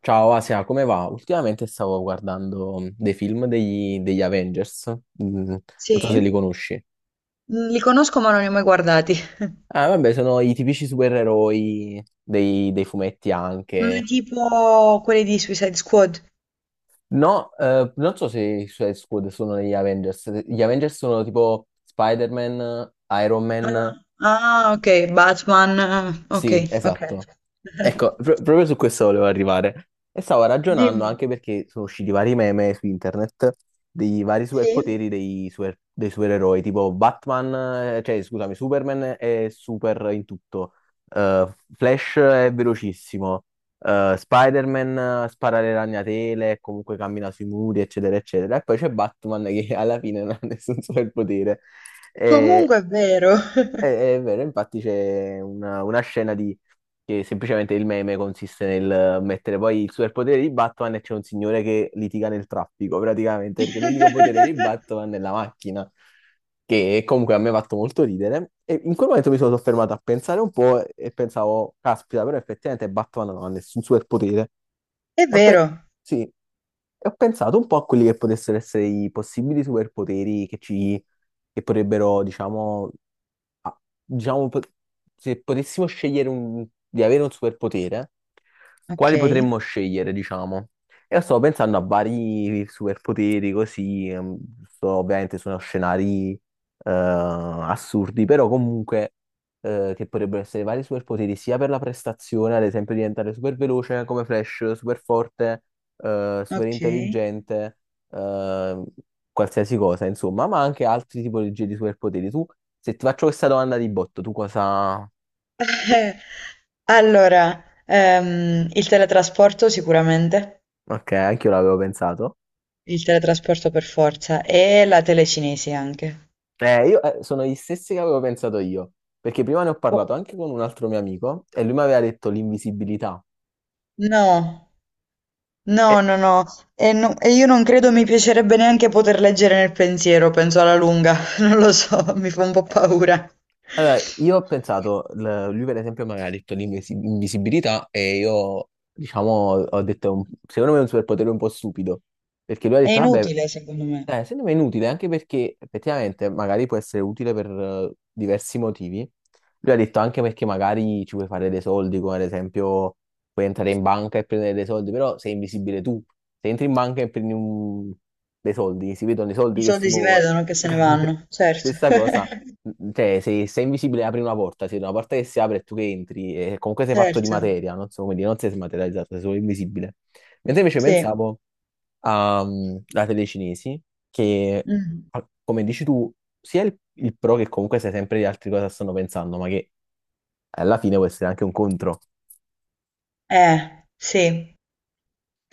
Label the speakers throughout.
Speaker 1: Ciao Asia, come va? Ultimamente stavo guardando dei film degli Avengers, non
Speaker 2: Sì?
Speaker 1: so se li conosci.
Speaker 2: Mhmm, li conosco ma non li ho mai guardati.
Speaker 1: Ah, vabbè, sono i tipici supereroi dei fumetti
Speaker 2: Ma
Speaker 1: anche.
Speaker 2: tipo quelli di Suicide Squad?
Speaker 1: No, non so se i Suicide Squad sono negli Avengers. Gli Avengers sono tipo Spider-Man, Iron Man.
Speaker 2: Ah. Ah, okay, Batman. Okay,
Speaker 1: Sì,
Speaker 2: okay.
Speaker 1: esatto. Ecco, proprio su questo volevo arrivare. E stavo ragionando
Speaker 2: Dimmi.
Speaker 1: anche perché sono usciti vari meme su internet dei vari
Speaker 2: Sì?
Speaker 1: superpoteri dei supereroi, tipo Batman, cioè scusami, Superman è super in tutto. Flash è velocissimo. Spider-Man spara le ragnatele, comunque cammina sui muri, eccetera, eccetera. E poi c'è Batman che alla fine non ha nessun superpotere.
Speaker 2: Comunque è vero.
Speaker 1: È vero, infatti c'è una scena di, che semplicemente il meme consiste nel mettere poi il superpotere di Batman, e c'è un signore che litiga nel traffico praticamente, perché l'unico potere di Batman è la macchina, che comunque a me ha fatto molto ridere. E in quel momento mi sono soffermato a pensare un po' e pensavo, caspita, però effettivamente Batman non ha nessun superpotere.
Speaker 2: È
Speaker 1: Ma pe-
Speaker 2: vero.
Speaker 1: sì, e ho pensato un po' a quelli che potessero essere i possibili superpoteri che potrebbero, diciamo. Ah, diciamo, po- se potessimo di avere un superpotere, quali
Speaker 2: Okay,
Speaker 1: potremmo scegliere, diciamo? Io sto pensando a vari superpoteri così, ovviamente sono scenari assurdi, però comunque che potrebbero essere vari superpoteri sia per la prestazione, ad esempio diventare super veloce come Flash, super forte, super
Speaker 2: okay.
Speaker 1: intelligente, qualsiasi cosa, insomma, ma anche altri tipologie di superpoteri. Tu, se ti faccio questa domanda di botto, tu cosa...
Speaker 2: Eh, allora, il teletrasporto sicuramente,
Speaker 1: Ok, anche io l'avevo pensato.
Speaker 2: il teletrasporto per forza e la telecinesi anche.
Speaker 1: Io sono gli stessi che avevo pensato io, perché prima ne ho parlato
Speaker 2: Boh,
Speaker 1: anche con un altro mio amico e lui mi aveva detto l'invisibilità.
Speaker 2: no. No,
Speaker 1: E-
Speaker 2: no, no, e io non credo mi piacerebbe neanche poter leggere nel pensiero, penso alla lunga, non lo so, mi fa un po'
Speaker 1: eh,
Speaker 2: paura.
Speaker 1: Allora, io ho pensato, lui per esempio mi aveva detto l'invisibilità e io, diciamo, ho detto, secondo me è un superpotere un po' stupido, perché lui ha
Speaker 2: È
Speaker 1: detto, vabbè.
Speaker 2: inutile, secondo me.
Speaker 1: Secondo me è inutile, anche perché effettivamente magari può essere utile per diversi motivi. Lui ha detto anche perché magari ci puoi fare dei soldi, come ad esempio puoi entrare in banca e prendere dei soldi, però sei invisibile tu. Se entri in banca e dei soldi, si vedono i
Speaker 2: I
Speaker 1: soldi che si
Speaker 2: soldi si
Speaker 1: muovono.
Speaker 2: vedono che se ne vanno, certo.
Speaker 1: Stessa cosa, cioè se sei invisibile apri una porta, se una porta che si apre e tu che entri, e comunque sei fatto di
Speaker 2: Certo,
Speaker 1: materia, non so come dire, non sei smaterializzato, sei solo invisibile. Mentre invece
Speaker 2: sì.
Speaker 1: pensavo a, la tele cinesi, che
Speaker 2: Mm.
Speaker 1: come dici tu, sia il pro che comunque sai sempre di altri cosa stanno pensando, ma che alla fine può essere anche un contro.
Speaker 2: Sì.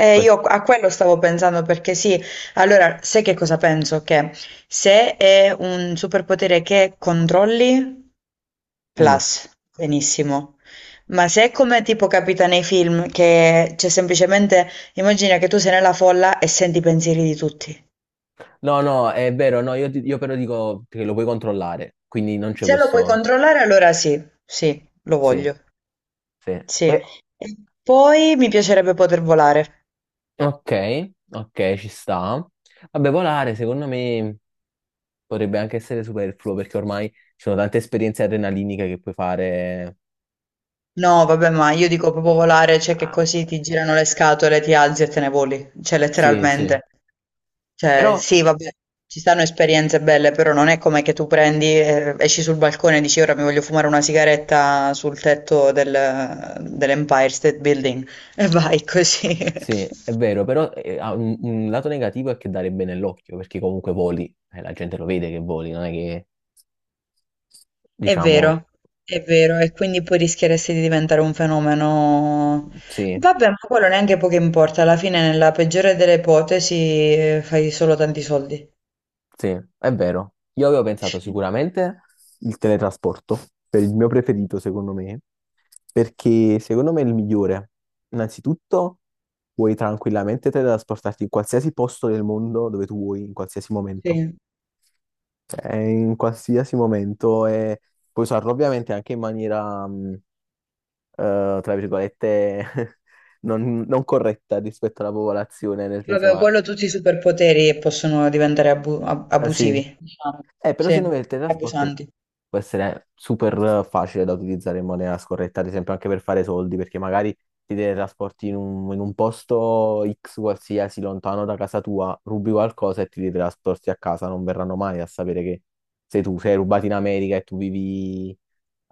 Speaker 1: Per-
Speaker 2: Io a quello stavo pensando perché sì, allora sai che cosa penso? Che se è un superpotere che controlli,
Speaker 1: Mm.
Speaker 2: plus, benissimo. Ma se è come tipo capita nei film, che c'è semplicemente, immagina che tu sei nella folla e senti i pensieri di tutti.
Speaker 1: No, no, è vero, no, io però dico che lo puoi controllare, quindi non c'è
Speaker 2: Se lo puoi
Speaker 1: questo...
Speaker 2: controllare, allora sì, sì, lo
Speaker 1: Sì,
Speaker 2: voglio.
Speaker 1: sì.
Speaker 2: Sì.
Speaker 1: Eh,
Speaker 2: E poi mi piacerebbe poter volare.
Speaker 1: ok, ok, ci sta. Vabbè, volare secondo me potrebbe anche essere superfluo perché ormai ci sono tante esperienze adrenaliniche che puoi fare.
Speaker 2: No, vabbè, ma io dico proprio volare, cioè che
Speaker 1: Ah,
Speaker 2: così ti girano le scatole, ti alzi e te ne voli, cioè
Speaker 1: sì, sì.
Speaker 2: letteralmente. Cioè,
Speaker 1: Però
Speaker 2: sì, vabbè, ci stanno esperienze belle, però non è come che tu prendi, esci sul balcone e dici ora mi voglio fumare una sigaretta sul tetto dell'Empire State Building e vai così.
Speaker 1: sì, è vero, però ha un lato negativo è che darebbe nell'occhio, perché comunque voli, la gente lo vede che voli, non è che,
Speaker 2: È
Speaker 1: diciamo,
Speaker 2: vero, è vero, e quindi poi rischieresti di diventare un fenomeno.
Speaker 1: sì,
Speaker 2: Vabbè, ma quello neanche poco importa, alla fine nella peggiore delle ipotesi fai solo tanti soldi.
Speaker 1: sì, è vero. Io avevo pensato sicuramente il teletrasporto, per il mio preferito, secondo me, perché secondo me è il migliore. Innanzitutto, puoi tranquillamente teletrasportarti in qualsiasi posto del mondo dove tu vuoi, in qualsiasi momento.
Speaker 2: Sì.
Speaker 1: In qualsiasi momento e puoi usarlo ovviamente anche in maniera, tra virgolette, non, non corretta rispetto alla popolazione, nel senso,
Speaker 2: Vabbè,
Speaker 1: ma
Speaker 2: quello tutti i superpoteri e possono diventare
Speaker 1: sì.
Speaker 2: abusivi, diciamo.
Speaker 1: Però secondo
Speaker 2: Sì,
Speaker 1: me il teletrasporto
Speaker 2: abusanti.
Speaker 1: può essere super facile da utilizzare in maniera scorretta, ad esempio anche per fare soldi, perché magari ti teletrasporti in un posto X qualsiasi, lontano da casa tua, rubi qualcosa e ti teletrasporti a casa, non verranno mai a sapere che sei tu, sei rubato in America e tu vivi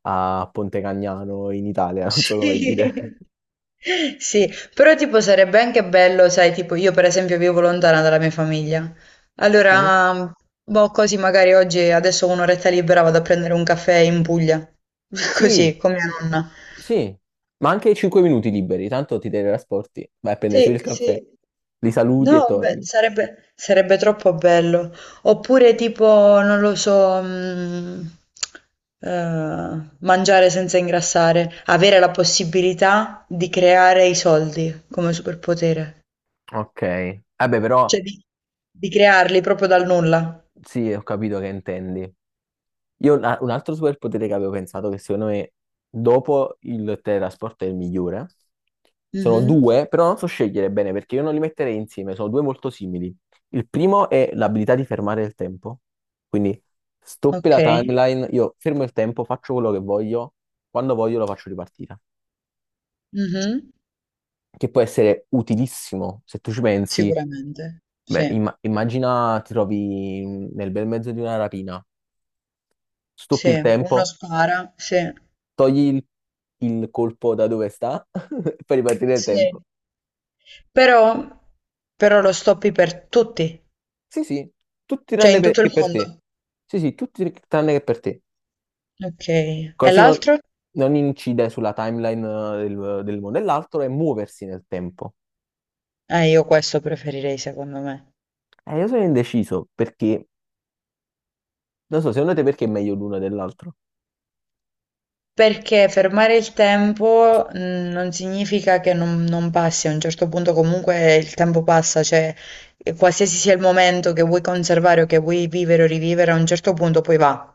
Speaker 1: a Ponte Cagnano in Italia, non so come dire.
Speaker 2: Sì. Sì, però tipo sarebbe anche bello, sai, tipo io per esempio vivo lontana dalla mia famiglia.
Speaker 1: Sì?
Speaker 2: Allora, boh, così magari oggi adesso ho un'oretta libera vado a prendere un caffè in Puglia.
Speaker 1: Sì,
Speaker 2: Così, con mia nonna.
Speaker 1: sì, ma anche 5 minuti liberi, tanto ti teletrasporti, vai a prendere su
Speaker 2: Sì,
Speaker 1: il caffè,
Speaker 2: sì.
Speaker 1: li saluti e
Speaker 2: No, beh,
Speaker 1: torni.
Speaker 2: sarebbe troppo bello. Oppure tipo, non lo so, mangiare senza ingrassare, avere la possibilità di creare i soldi come superpotere,
Speaker 1: Ok. Vabbè, però
Speaker 2: cioè di crearli proprio dal nulla.
Speaker 1: sì, ho capito che intendi. Un altro superpotere che avevo pensato, che secondo me dopo il teletrasporto è il migliore, sono
Speaker 2: Mhm.
Speaker 1: due, però non so scegliere bene perché io non li metterei insieme, sono due molto simili. Il primo è l'abilità di fermare il tempo, quindi stoppi
Speaker 2: Ok.
Speaker 1: la timeline, io fermo il tempo, faccio quello che voglio, quando voglio lo faccio ripartire,
Speaker 2: Mhm.
Speaker 1: che può essere utilissimo se tu ci pensi.
Speaker 2: Sicuramente,
Speaker 1: Beh,
Speaker 2: sì,
Speaker 1: immagina ti trovi nel bel mezzo di una rapina, stoppi il
Speaker 2: sì, uno
Speaker 1: tempo,
Speaker 2: spara, sì,
Speaker 1: togli il colpo da dove sta e fai ripartire il
Speaker 2: sì.
Speaker 1: tempo.
Speaker 2: Però, però lo stoppi per tutti.
Speaker 1: Sì, sì,
Speaker 2: Cioè in tutto
Speaker 1: che
Speaker 2: il
Speaker 1: per te.
Speaker 2: mondo.
Speaker 1: Sì, sì, tutti tranne che per te.
Speaker 2: Ok. E
Speaker 1: Così non,
Speaker 2: l'altro?
Speaker 1: non incide sulla timeline del mondo. E l'altro è muoversi nel tempo.
Speaker 2: Io questo preferirei secondo me.
Speaker 1: Io sono indeciso perché, non so, secondo te perché è meglio l'uno dell'altro?
Speaker 2: Perché fermare il tempo non significa che non passi, a un certo punto comunque il tempo passa, cioè e qualsiasi sia il momento che vuoi conservare o che vuoi vivere o rivivere, a un certo punto poi va.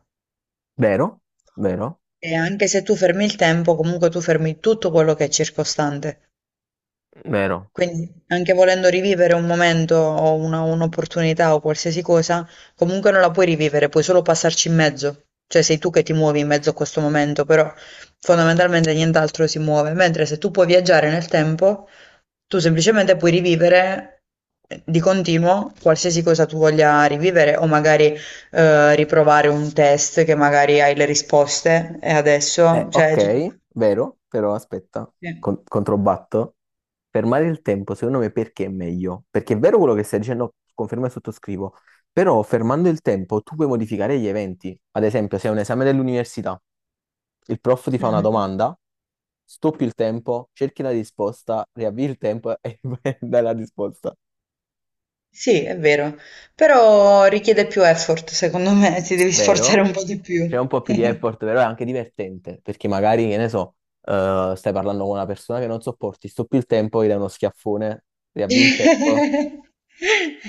Speaker 1: Vero? Vero?
Speaker 2: E anche se tu fermi il tempo, comunque tu fermi tutto quello che è circostante.
Speaker 1: Vero?
Speaker 2: Quindi anche volendo rivivere un momento o un'opportunità o qualsiasi cosa, comunque non la puoi rivivere, puoi solo passarci in mezzo. Cioè sei tu che ti muovi in mezzo a questo momento, però fondamentalmente nient'altro si muove. Mentre se tu puoi viaggiare nel tempo, tu semplicemente puoi rivivere di continuo qualsiasi cosa tu voglia rivivere o magari riprovare un test che magari hai le risposte e adesso, cioè... tutto-
Speaker 1: Ok, vero, però aspetta,
Speaker 2: Sì.
Speaker 1: controbatto. Fermare il tempo, secondo me, perché è meglio? Perché è vero quello che stai dicendo, confermo e sottoscrivo, però fermando il tempo tu puoi modificare gli eventi. Ad esempio, se è un esame dell'università, il prof ti fa una
Speaker 2: Mhm.
Speaker 1: domanda, stoppi il tempo, cerchi la risposta, riavvii il tempo e dai la risposta.
Speaker 2: Sì, è vero, però richiede più effort, secondo me, ti devi sforzare
Speaker 1: Vero?
Speaker 2: un po' di
Speaker 1: C'è
Speaker 2: più.
Speaker 1: un po' più di effort, però è anche divertente, perché magari, che ne so, stai parlando con una persona che non sopporti, stoppi il tempo, gli dai uno schiaffone, riavvi il tempo.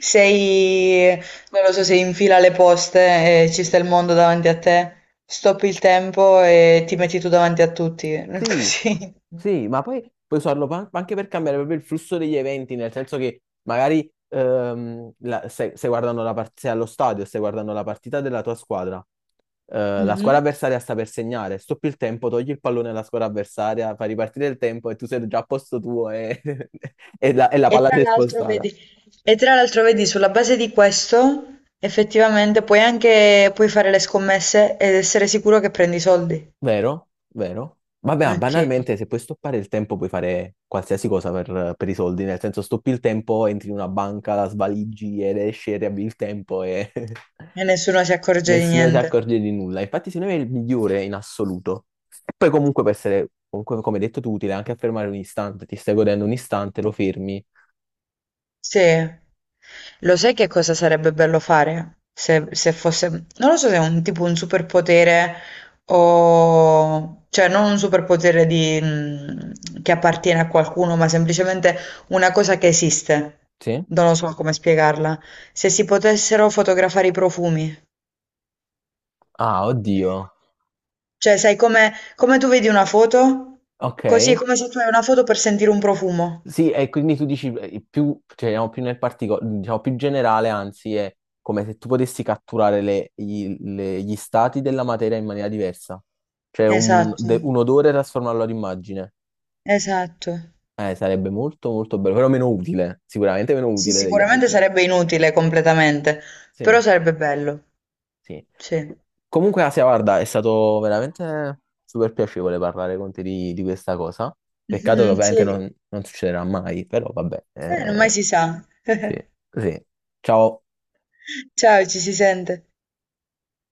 Speaker 2: Sei, non lo so, sei in fila alle poste e ci sta il mondo davanti a te, stoppi il tempo e ti metti tu davanti a tutti,
Speaker 1: Sì,
Speaker 2: così.
Speaker 1: sì, ma poi anche per cambiare proprio il flusso degli eventi, nel senso che magari se, se guardano se allo stadio, stai guardando la partita della tua squadra, la squadra
Speaker 2: Mhm.
Speaker 1: avversaria sta per segnare, stoppi il tempo, togli il pallone alla squadra avversaria, fai ripartire il tempo e tu sei già a posto tuo e, e la
Speaker 2: E
Speaker 1: palla
Speaker 2: tra
Speaker 1: si è
Speaker 2: l'altro
Speaker 1: spostata.
Speaker 2: vedi, e tra l'altro vedi, sulla base di questo, effettivamente puoi anche puoi fare le scommesse ed essere sicuro che prendi soldi.
Speaker 1: Vero, vero. Vabbè, ma
Speaker 2: Ok.
Speaker 1: banalmente, se puoi stoppare il tempo, puoi fare qualsiasi cosa per i soldi. Nel senso, stoppi il tempo, entri in una banca, la svaligi ed esci e riavvi il tempo e
Speaker 2: E nessuno si accorge di
Speaker 1: nessuno si
Speaker 2: niente.
Speaker 1: accorge di nulla. Infatti, secondo me è il migliore in assoluto. E poi, comunque, può essere, comunque, come detto tu, utile anche affermare un istante. Ti stai godendo un istante, lo fermi.
Speaker 2: Sì. Lo sai che cosa sarebbe bello fare? Se, se fosse... Non lo so se è un tipo un superpotere o... Cioè, non un superpotere di, che appartiene a qualcuno, ma semplicemente una cosa che esiste.
Speaker 1: Sì?
Speaker 2: Non lo so come spiegarla. Se si potessero fotografare i profumi.
Speaker 1: Ah, oddio.
Speaker 2: Cioè, sai come, come tu vedi una foto?
Speaker 1: Ok.
Speaker 2: Così è come se tu hai una foto per sentire un profumo.
Speaker 1: Sì, e quindi tu dici più, cioè, andiamo più nel particolare, diciamo più generale, anzi, è come se tu potessi catturare gli stati della materia in maniera diversa. Cioè
Speaker 2: Esatto,
Speaker 1: un odore e trasformarlo ad immagine.
Speaker 2: esatto.
Speaker 1: Sarebbe molto molto bello, però meno utile, sicuramente meno
Speaker 2: Sì,
Speaker 1: utile degli
Speaker 2: sicuramente
Speaker 1: altri.
Speaker 2: sarebbe inutile completamente, però
Speaker 1: Sì.
Speaker 2: sarebbe bello.
Speaker 1: Sì.
Speaker 2: Sì.
Speaker 1: Comunque, Asia, guarda, è stato veramente super piacevole parlare con te di questa cosa. Peccato che
Speaker 2: Mh-mh,
Speaker 1: ovviamente
Speaker 2: sì.
Speaker 1: non, non succederà mai, però vabbè.
Speaker 2: Non mai si sa.
Speaker 1: Sì, sì. Ciao.
Speaker 2: Ciao, ci si sente.